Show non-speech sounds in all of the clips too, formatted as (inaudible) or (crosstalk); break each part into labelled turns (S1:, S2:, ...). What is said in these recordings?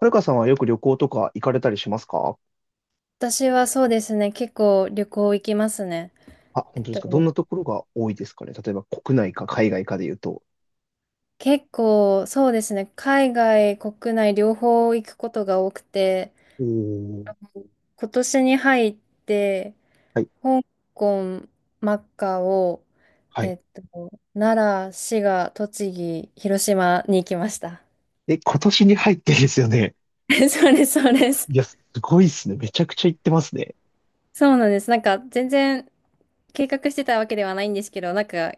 S1: はるかさんはよく旅行とか行かれたりしますか？
S2: 私はそうですね、結構旅行行きますね。
S1: あ、
S2: え
S1: 本
S2: っ
S1: 当です
S2: と、
S1: か？どんなところが多いですかね？例えば国内か海外かで言うと。
S2: 結構そうですね、海外、国内両方行くことが多くて、
S1: おー、
S2: 今年に入って、
S1: はい、
S2: 香港、マカオ、
S1: はい。
S2: えっと、奈良、滋賀、栃木、広島に行きました。
S1: え、今年に入ってですよね。
S2: (laughs) そうです、そうです。
S1: いや、すごいっすね。めちゃくちゃ行ってますね。
S2: そうなんです。なんか全然計画してたわけではないんですけど、なんか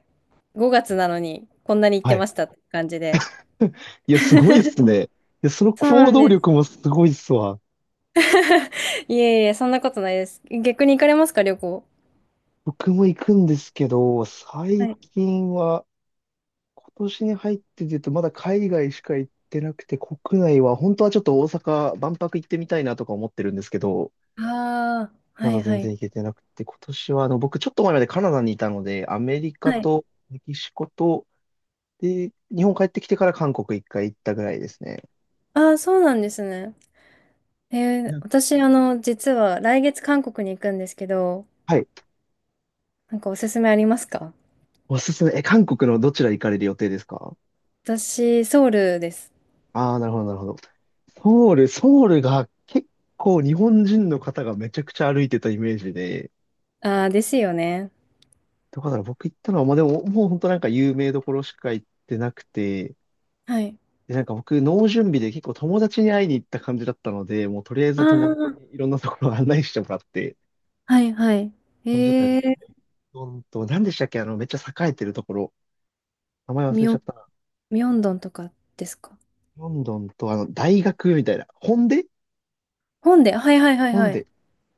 S2: 5月なのにこんなに行っ
S1: は
S2: て
S1: い。
S2: ましたって感じで。
S1: いや、すごいっすね。いや、その
S2: そうな
S1: 行
S2: ん
S1: 動
S2: で
S1: 力
S2: す。
S1: もすごいっすわ。
S2: いえいえ、そんなことないです。逆に行かれますか、旅行。
S1: 僕も行くんですけど、
S2: は
S1: 最
S2: い。
S1: 近は、今年に入ってで言うと、まだ海外しか行ってなくて、国内は、本当はちょっと大阪、万博行ってみたいなとか思ってるんですけど、
S2: ああ、は
S1: まだ
S2: いは
S1: 全
S2: い。
S1: 然行けてなくて、今年は僕ちょっと前までカナダにいたので、アメリカ
S2: はい。
S1: とメキシコと、で、日本帰ってきてから韓国一回行ったぐらいですね。
S2: ああ、そうなんですね。え
S1: い
S2: ー、
S1: や、
S2: 私、あの、実は来月韓国に行くんですけど、
S1: はい。
S2: なんかおすすめありますか？
S1: おすすめ。え、韓国のどちら行かれる予定ですか？
S2: 私、ソウルです。
S1: ああー、なるほど、なるほど。ソウルが結構日本人の方がめちゃくちゃ歩いてたイメージで、
S2: ああ、ですよね。
S1: だから僕行ったのは、まあでも、もう本当なんか有名どころしか行ってなくて、
S2: はい。
S1: で、なんか僕、脳準備で結構友達に会いに行った感じだったので、もうとりあえ
S2: あ
S1: ず友達
S2: あ、
S1: にいろんなところを案内してもらって、
S2: はいはい。え
S1: 感じだったよ。
S2: ー、
S1: ロンドンと、何でしたっけ、めっちゃ栄えてるところ。名前忘れ
S2: ミョ
S1: ちゃ
S2: ン、
S1: ったな。
S2: ミョンドンとかですか？
S1: ロンドンと、大学みたいな。ホンデ
S2: 本で、はいはいはい
S1: ホン
S2: はい。
S1: デ。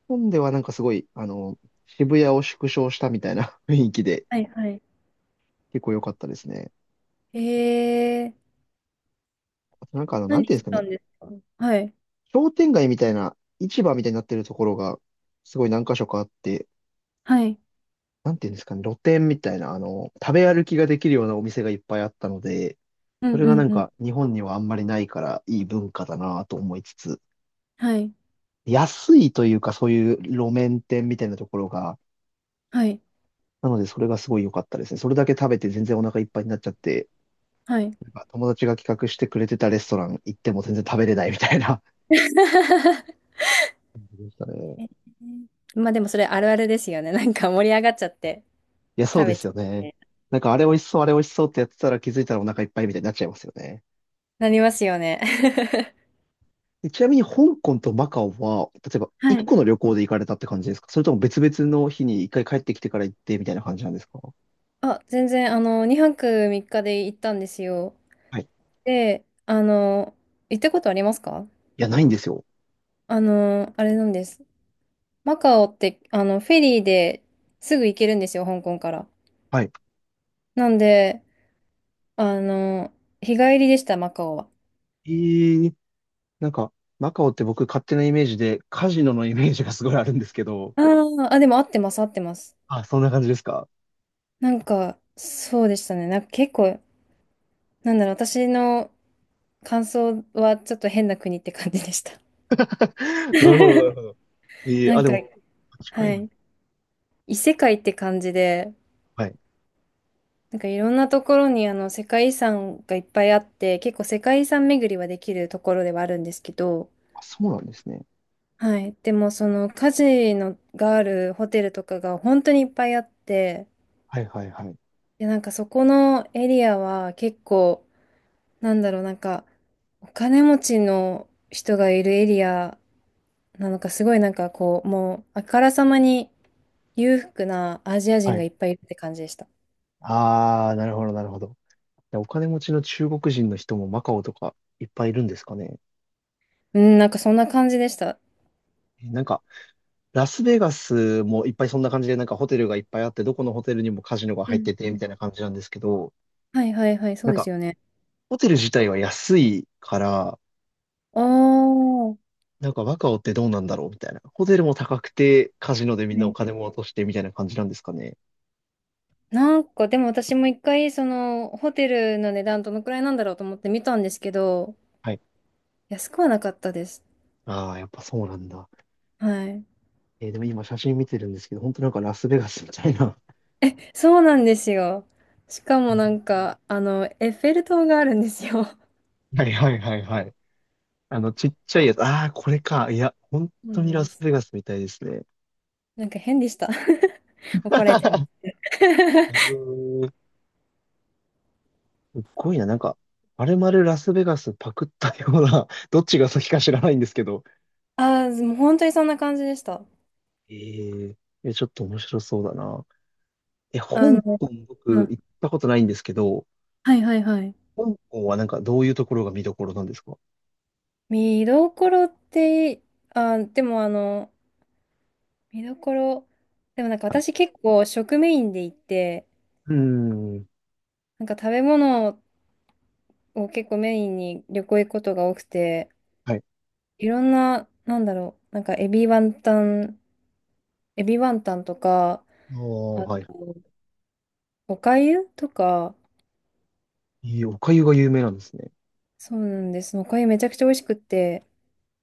S1: ホンデはなんかすごい、渋谷を縮小したみたいな (laughs) 雰囲気で、
S2: はいはい。
S1: 結構良かったですね。
S2: えー、
S1: あとなんかな
S2: 何
S1: んていうんで
S2: し
S1: すか
S2: た
S1: ね。
S2: んですか？はい。
S1: 商店街みたいな、市場みたいになってるところが、すごい何箇所かあって、
S2: はい。
S1: なんていうんですかね、露店みたいな、食べ歩きができるようなお店がいっぱいあったので、
S2: う
S1: そ
S2: ん
S1: れ
S2: う
S1: がな
S2: ん
S1: ん
S2: うん。
S1: か日本にはあんまりないからいい文化だなと思いつつ、
S2: はい。
S1: 安いというかそういう路面店みたいなところが、
S2: はい。
S1: なのでそれがすごい良かったですね。それだけ食べて全然お腹いっぱいになっちゃって、
S2: はい。
S1: なんか友達が企画してくれてたレストラン行っても全然食べれないみたいな。
S2: (laughs)
S1: でしたね。
S2: まあでもそれあるあるですよね。なんか盛り上がっちゃって
S1: いや、そう
S2: 食
S1: で
S2: べ
S1: す
S2: ちゃ
S1: よ
S2: っ
S1: ね。
S2: て
S1: なんかあれ美味しそう、あれ美味しそうってやってたら気づいたらお腹いっぱいみたいになっちゃいますよね。
S2: なりますよね。(laughs)
S1: でちなみに香港とマカオは、例えば
S2: は
S1: 一
S2: い。
S1: 個
S2: (laughs)
S1: の旅行で行かれたって感じですか？それとも別々の日に一回帰ってきてから行ってみたいな感じなんですか？
S2: あ、全然あの2泊3日で行ったんですよ。
S1: はい。い
S2: で、あの行ったことありますか？
S1: や、ないんですよ。
S2: あのあれなんです。マカオってあのフェリーですぐ行けるんですよ、香港から。
S1: はい。
S2: なんで、あの日帰りでした、マカオは。
S1: えー、なんか、マカオって僕勝手なイメージでカジノのイメージがすごいあるんですけど。
S2: あーあ、でも合ってます、合ってます。
S1: あ、そんな感じですか？
S2: なんかそうでしたね。なんか結構私の感想はちょっと変な国って感じでした。
S1: (laughs) なるほど、なるほど。え
S2: (laughs)
S1: ー、
S2: な
S1: あ、
S2: ん
S1: で
S2: か、
S1: も、近
S2: は
S1: いね。
S2: い。異世界って感じで、
S1: はい。
S2: なんかいろんなところにあの世界遺産がいっぱいあって、結構世界遺産巡りはできるところではあるんですけど、
S1: あ、そうなんですね。
S2: はい。でもそのカジノがあるホテルとかが本当にいっぱいあって、
S1: はいはいはい。
S2: で、なんかそこのエリアは結構、なんかお金持ちの人がいるエリアなのか、すごいなんかこう、もうあからさまに裕福なアジア人
S1: は
S2: が
S1: い。
S2: いっぱいいるって感じでした。
S1: あー、なるほど、なるほど。でお金持ちの中国人の人もマカオとかいっぱいいるんですかね。
S2: うん、なんかそんな感じでした。
S1: え、なんか、ラスベガスもいっぱいそんな感じで、なんかホテルがいっぱいあって、どこのホテルにもカジノが
S2: う
S1: 入っ
S2: ん
S1: て
S2: う
S1: て、みたい
S2: ん。
S1: な感じなんですけど、
S2: はいはいはい、そ
S1: な
S2: う
S1: ん
S2: で
S1: か
S2: すよね。
S1: ホテル自体は安いから、
S2: ああ、は
S1: なんかワカオってどうなんだろうみたいな。ホテルも高くて、カジノでみんなお
S2: い。
S1: 金も落としてみたいな感じなんですかね。
S2: なんかでも私も一回そのホテルの値段どのくらいなんだろうと思って見たんですけど、
S1: はい。
S2: 安くはなかったです。
S1: ああ、やっぱそうなんだ。
S2: はい。
S1: えーでも今写真見てるんですけど、本当なんかラスベガスみたいな。
S2: そうなんですよ。しか
S1: (laughs) う
S2: もな
S1: ん、
S2: んか、あの、エッフェル塔があるんですよ。そ
S1: はいはいはいはい。ちっちゃいやつ。ああ、これか。いや、本
S2: う
S1: 当に
S2: なん
S1: ラ
S2: で
S1: ス
S2: す。
S1: ベガスみたいですね。
S2: なんか変でした。(laughs) 怒られちゃいます。
S1: うん、すっごいな、なんか、まるまるラスベガスパクったような、(laughs) どっちが先か知らないんですけど。
S2: ああ、もう本当にそんな感じでした。
S1: えー、え、ちょっと面白そうだな。え、香
S2: あの、
S1: 港
S2: う
S1: 僕行っ
S2: ん
S1: たことないんですけど、
S2: はいはいはい。
S1: 香港はなんかどういうところが見どころなんですか？
S2: 見どころって、あ、でもあの、見どころ、でもなんか
S1: はい。
S2: 私結構食メインで行って、
S1: うーん。
S2: なんか食べ物を結構メインに旅行行くことが多くて、
S1: はい。
S2: いろんな、エビワンタンとか、
S1: ああ、
S2: あ
S1: はい。
S2: と、お粥とか、
S1: えー、お粥が有名なんですね。
S2: そうなんです。お粥めちゃくちゃ美味しくって、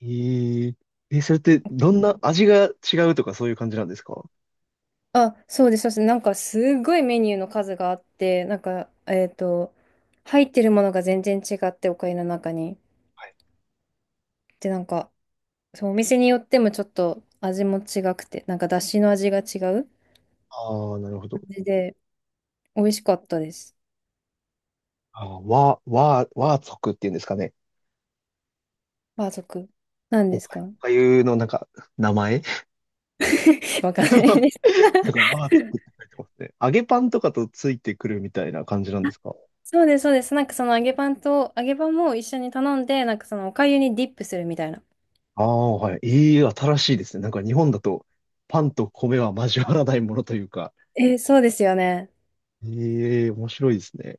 S1: えー、え、それってどんな味が違うとかそういう感じなんですか？
S2: あ、そうです、そうです。なんかすごいメニューの数があって、なんか、入ってるものが全然違って、お粥の中に。
S1: はい。
S2: で、なんか、そう、お店によってもちょっと味も違くて、なんか、だしの味が違う
S1: ああ、なるほど。
S2: 感じで、美味しかったです。
S1: ああ、和族っていうんですかね。
S2: バー族。何
S1: お
S2: です
S1: 粥、
S2: か？
S1: お粥のなんか名前、
S2: (laughs) わかんないです。
S1: なんかアーツっ
S2: (laughs)
S1: て書いてますね。揚げパンとかとついてくるみたいな感じなんですか？
S2: そうです、そうです。揚げパンも一緒に頼んで、なんかそのお粥にディップするみたいな。
S1: ああ、はい。いい、新しいですね。なんか日本だとパンと米は交わらないものというか。
S2: えーそうですよね。
S1: ええ、面白いですね。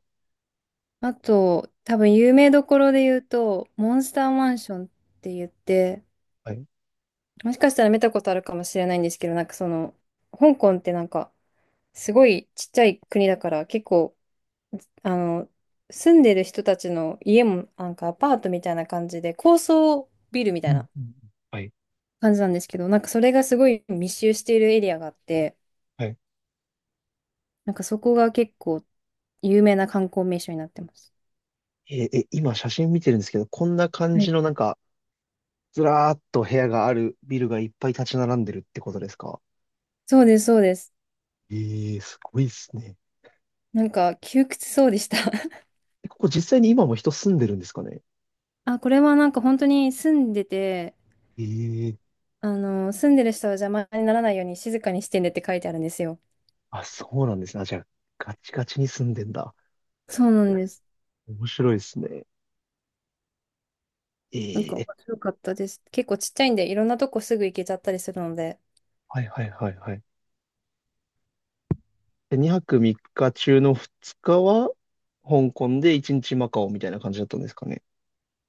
S2: あと、多分有名どころで言うと、モンスターマンションって言って、
S1: はい。う
S2: もしかしたら見たことあるかもしれないんですけど、なんかその、香港ってなんか、すごいちっちゃい国だから結構あの住んでる人たちの家もなんかアパートみたいな感じで高層ビルみた
S1: ん
S2: い
S1: うん
S2: な
S1: うん、はい。
S2: 感じなんですけど、なんかそれがすごい密集しているエリアがあって、
S1: はい。
S2: なんかそこが結構有名な観光名所になってます。
S1: えー、え、今写真見てるんですけど、こんな感
S2: は
S1: じ
S2: い、
S1: のなんか、ずらーっと部屋があるビルがいっぱい立ち並んでるってことですか？
S2: そうですそうです。
S1: ええ、すごいですね。
S2: なんか窮屈そうでした。 (laughs)
S1: え、ここ実際に今も人住んでるんですかね？
S2: あ、これはなんか本当に住んでて、
S1: ええ、
S2: あの住んでる人は邪魔にならないように静かにしてねって書いてあるんですよ。
S1: あ、そうなんですね。あ、じゃあ、ガチガチに住んでんだ。
S2: そうなんです。
S1: 面白いですね。
S2: なんか
S1: え
S2: 面
S1: え。
S2: 白かったです。結構ちっちゃいんで、いろんなとこすぐ行けちゃったりするので。
S1: はいはいはいはい。で、2泊3日中の2日は、香港で1日マカオみたいな感じだったんですかね。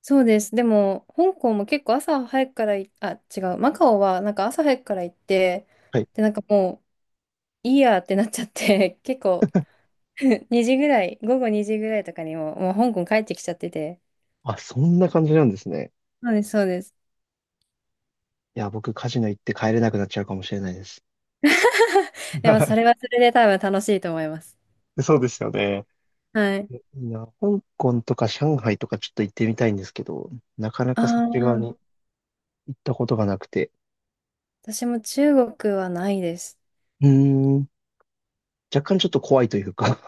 S2: そうです。でも、香港も結構朝早くからい、あ、違う。マカオはなんか朝早くから行って、
S1: はい。
S2: で、なんかもう、いいやってなっちゃって、(laughs) 結構2時ぐらい、午後2時ぐらいとかにも、もう香港帰ってきちゃってて。
S1: あ、そんな感じなんですね。
S2: そうです、そうです。
S1: いや、僕カジノ行って帰れなくなっちゃうかもしれないです。
S2: でも、それ
S1: (laughs)
S2: はそれで多分楽しいと思います。
S1: そうですよね。
S2: はい。
S1: いや、香港とか上海とかちょっと行ってみたいんですけど、なかな
S2: あ
S1: かそっち側
S2: あ、
S1: に行ったことがなくて、
S2: 私も中国はないです。
S1: うーん、若干ちょっと怖いというか、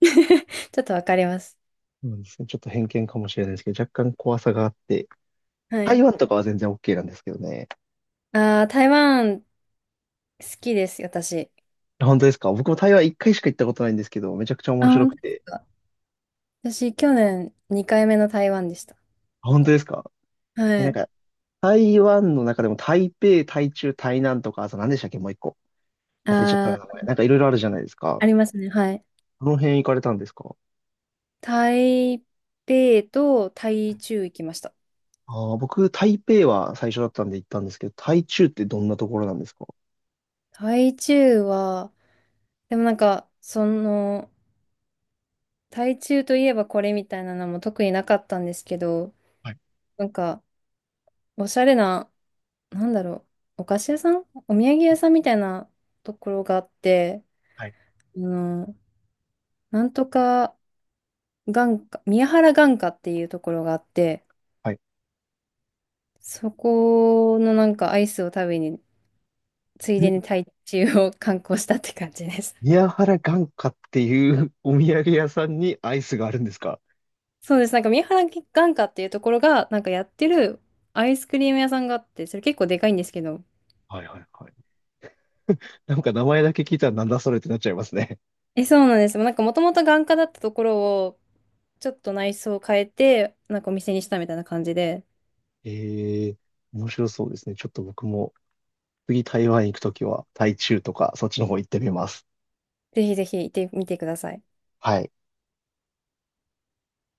S2: (laughs) ちょっとわかります。
S1: そうですね、ちょっと偏見かもしれないですけど、若干怖さがあって、
S2: は
S1: 台
S2: い。
S1: 湾とかは全然 OK なんですけどね。
S2: ああ、台湾好きです、私。
S1: 本当ですか？僕も台湾一回しか行ったことないんですけど、めちゃくちゃ面
S2: あ、
S1: 白
S2: 本
S1: く
S2: 当です
S1: て。
S2: か。私、去年2回目の台湾でした。
S1: 本当ですか？え、
S2: は
S1: なん
S2: い。
S1: か、台湾の中でも台北、台中、台南とか、あと何でしたっけもう一個。忘れちゃった
S2: あ
S1: な、名前。
S2: ー、
S1: なんかいろいろあるじゃないですか。
S2: ありますね。はい。
S1: この辺行かれたんですか？
S2: 台北と台中行きました。
S1: ああー、僕、台北は最初だったんで行ったんですけど、台中ってどんなところなんですか？
S2: 台中は、でもなんか、その、台中といえばこれみたいなのも特になかったんですけど、
S1: はい
S2: なんか、おしゃれな、なんだろお菓子屋さんお土産屋さんみたいなところがあって、
S1: はい
S2: あの、なんとか眼科、宮原眼科っていうところがあって、
S1: はい。
S2: そこのなんかアイスを食べに、つい
S1: (laughs)
S2: でに
S1: ん、
S2: 台中を観光したって感じです。
S1: 宮原眼科っていう (laughs) お土産屋さんにアイスがあるんですか？
S2: (laughs) そうです。なんか三原眼科っていうところが、なんかやってるアイスクリーム屋さんがあって、それ結構でかいんですけど。
S1: はいはいはい。なんか名前だけ聞いたらなんだそれってなっちゃいますね。
S2: え、そうなんです。なんかもともと眼科だったところを、ちょっと内装を変えて、なんかお店にしたみたいな感じで、
S1: (laughs) ええ、面白そうですね。ちょっと僕も次台湾行くときは、台中とか、そっちの方行ってみます。
S2: ぜひぜひ行ってみてください。
S1: はい。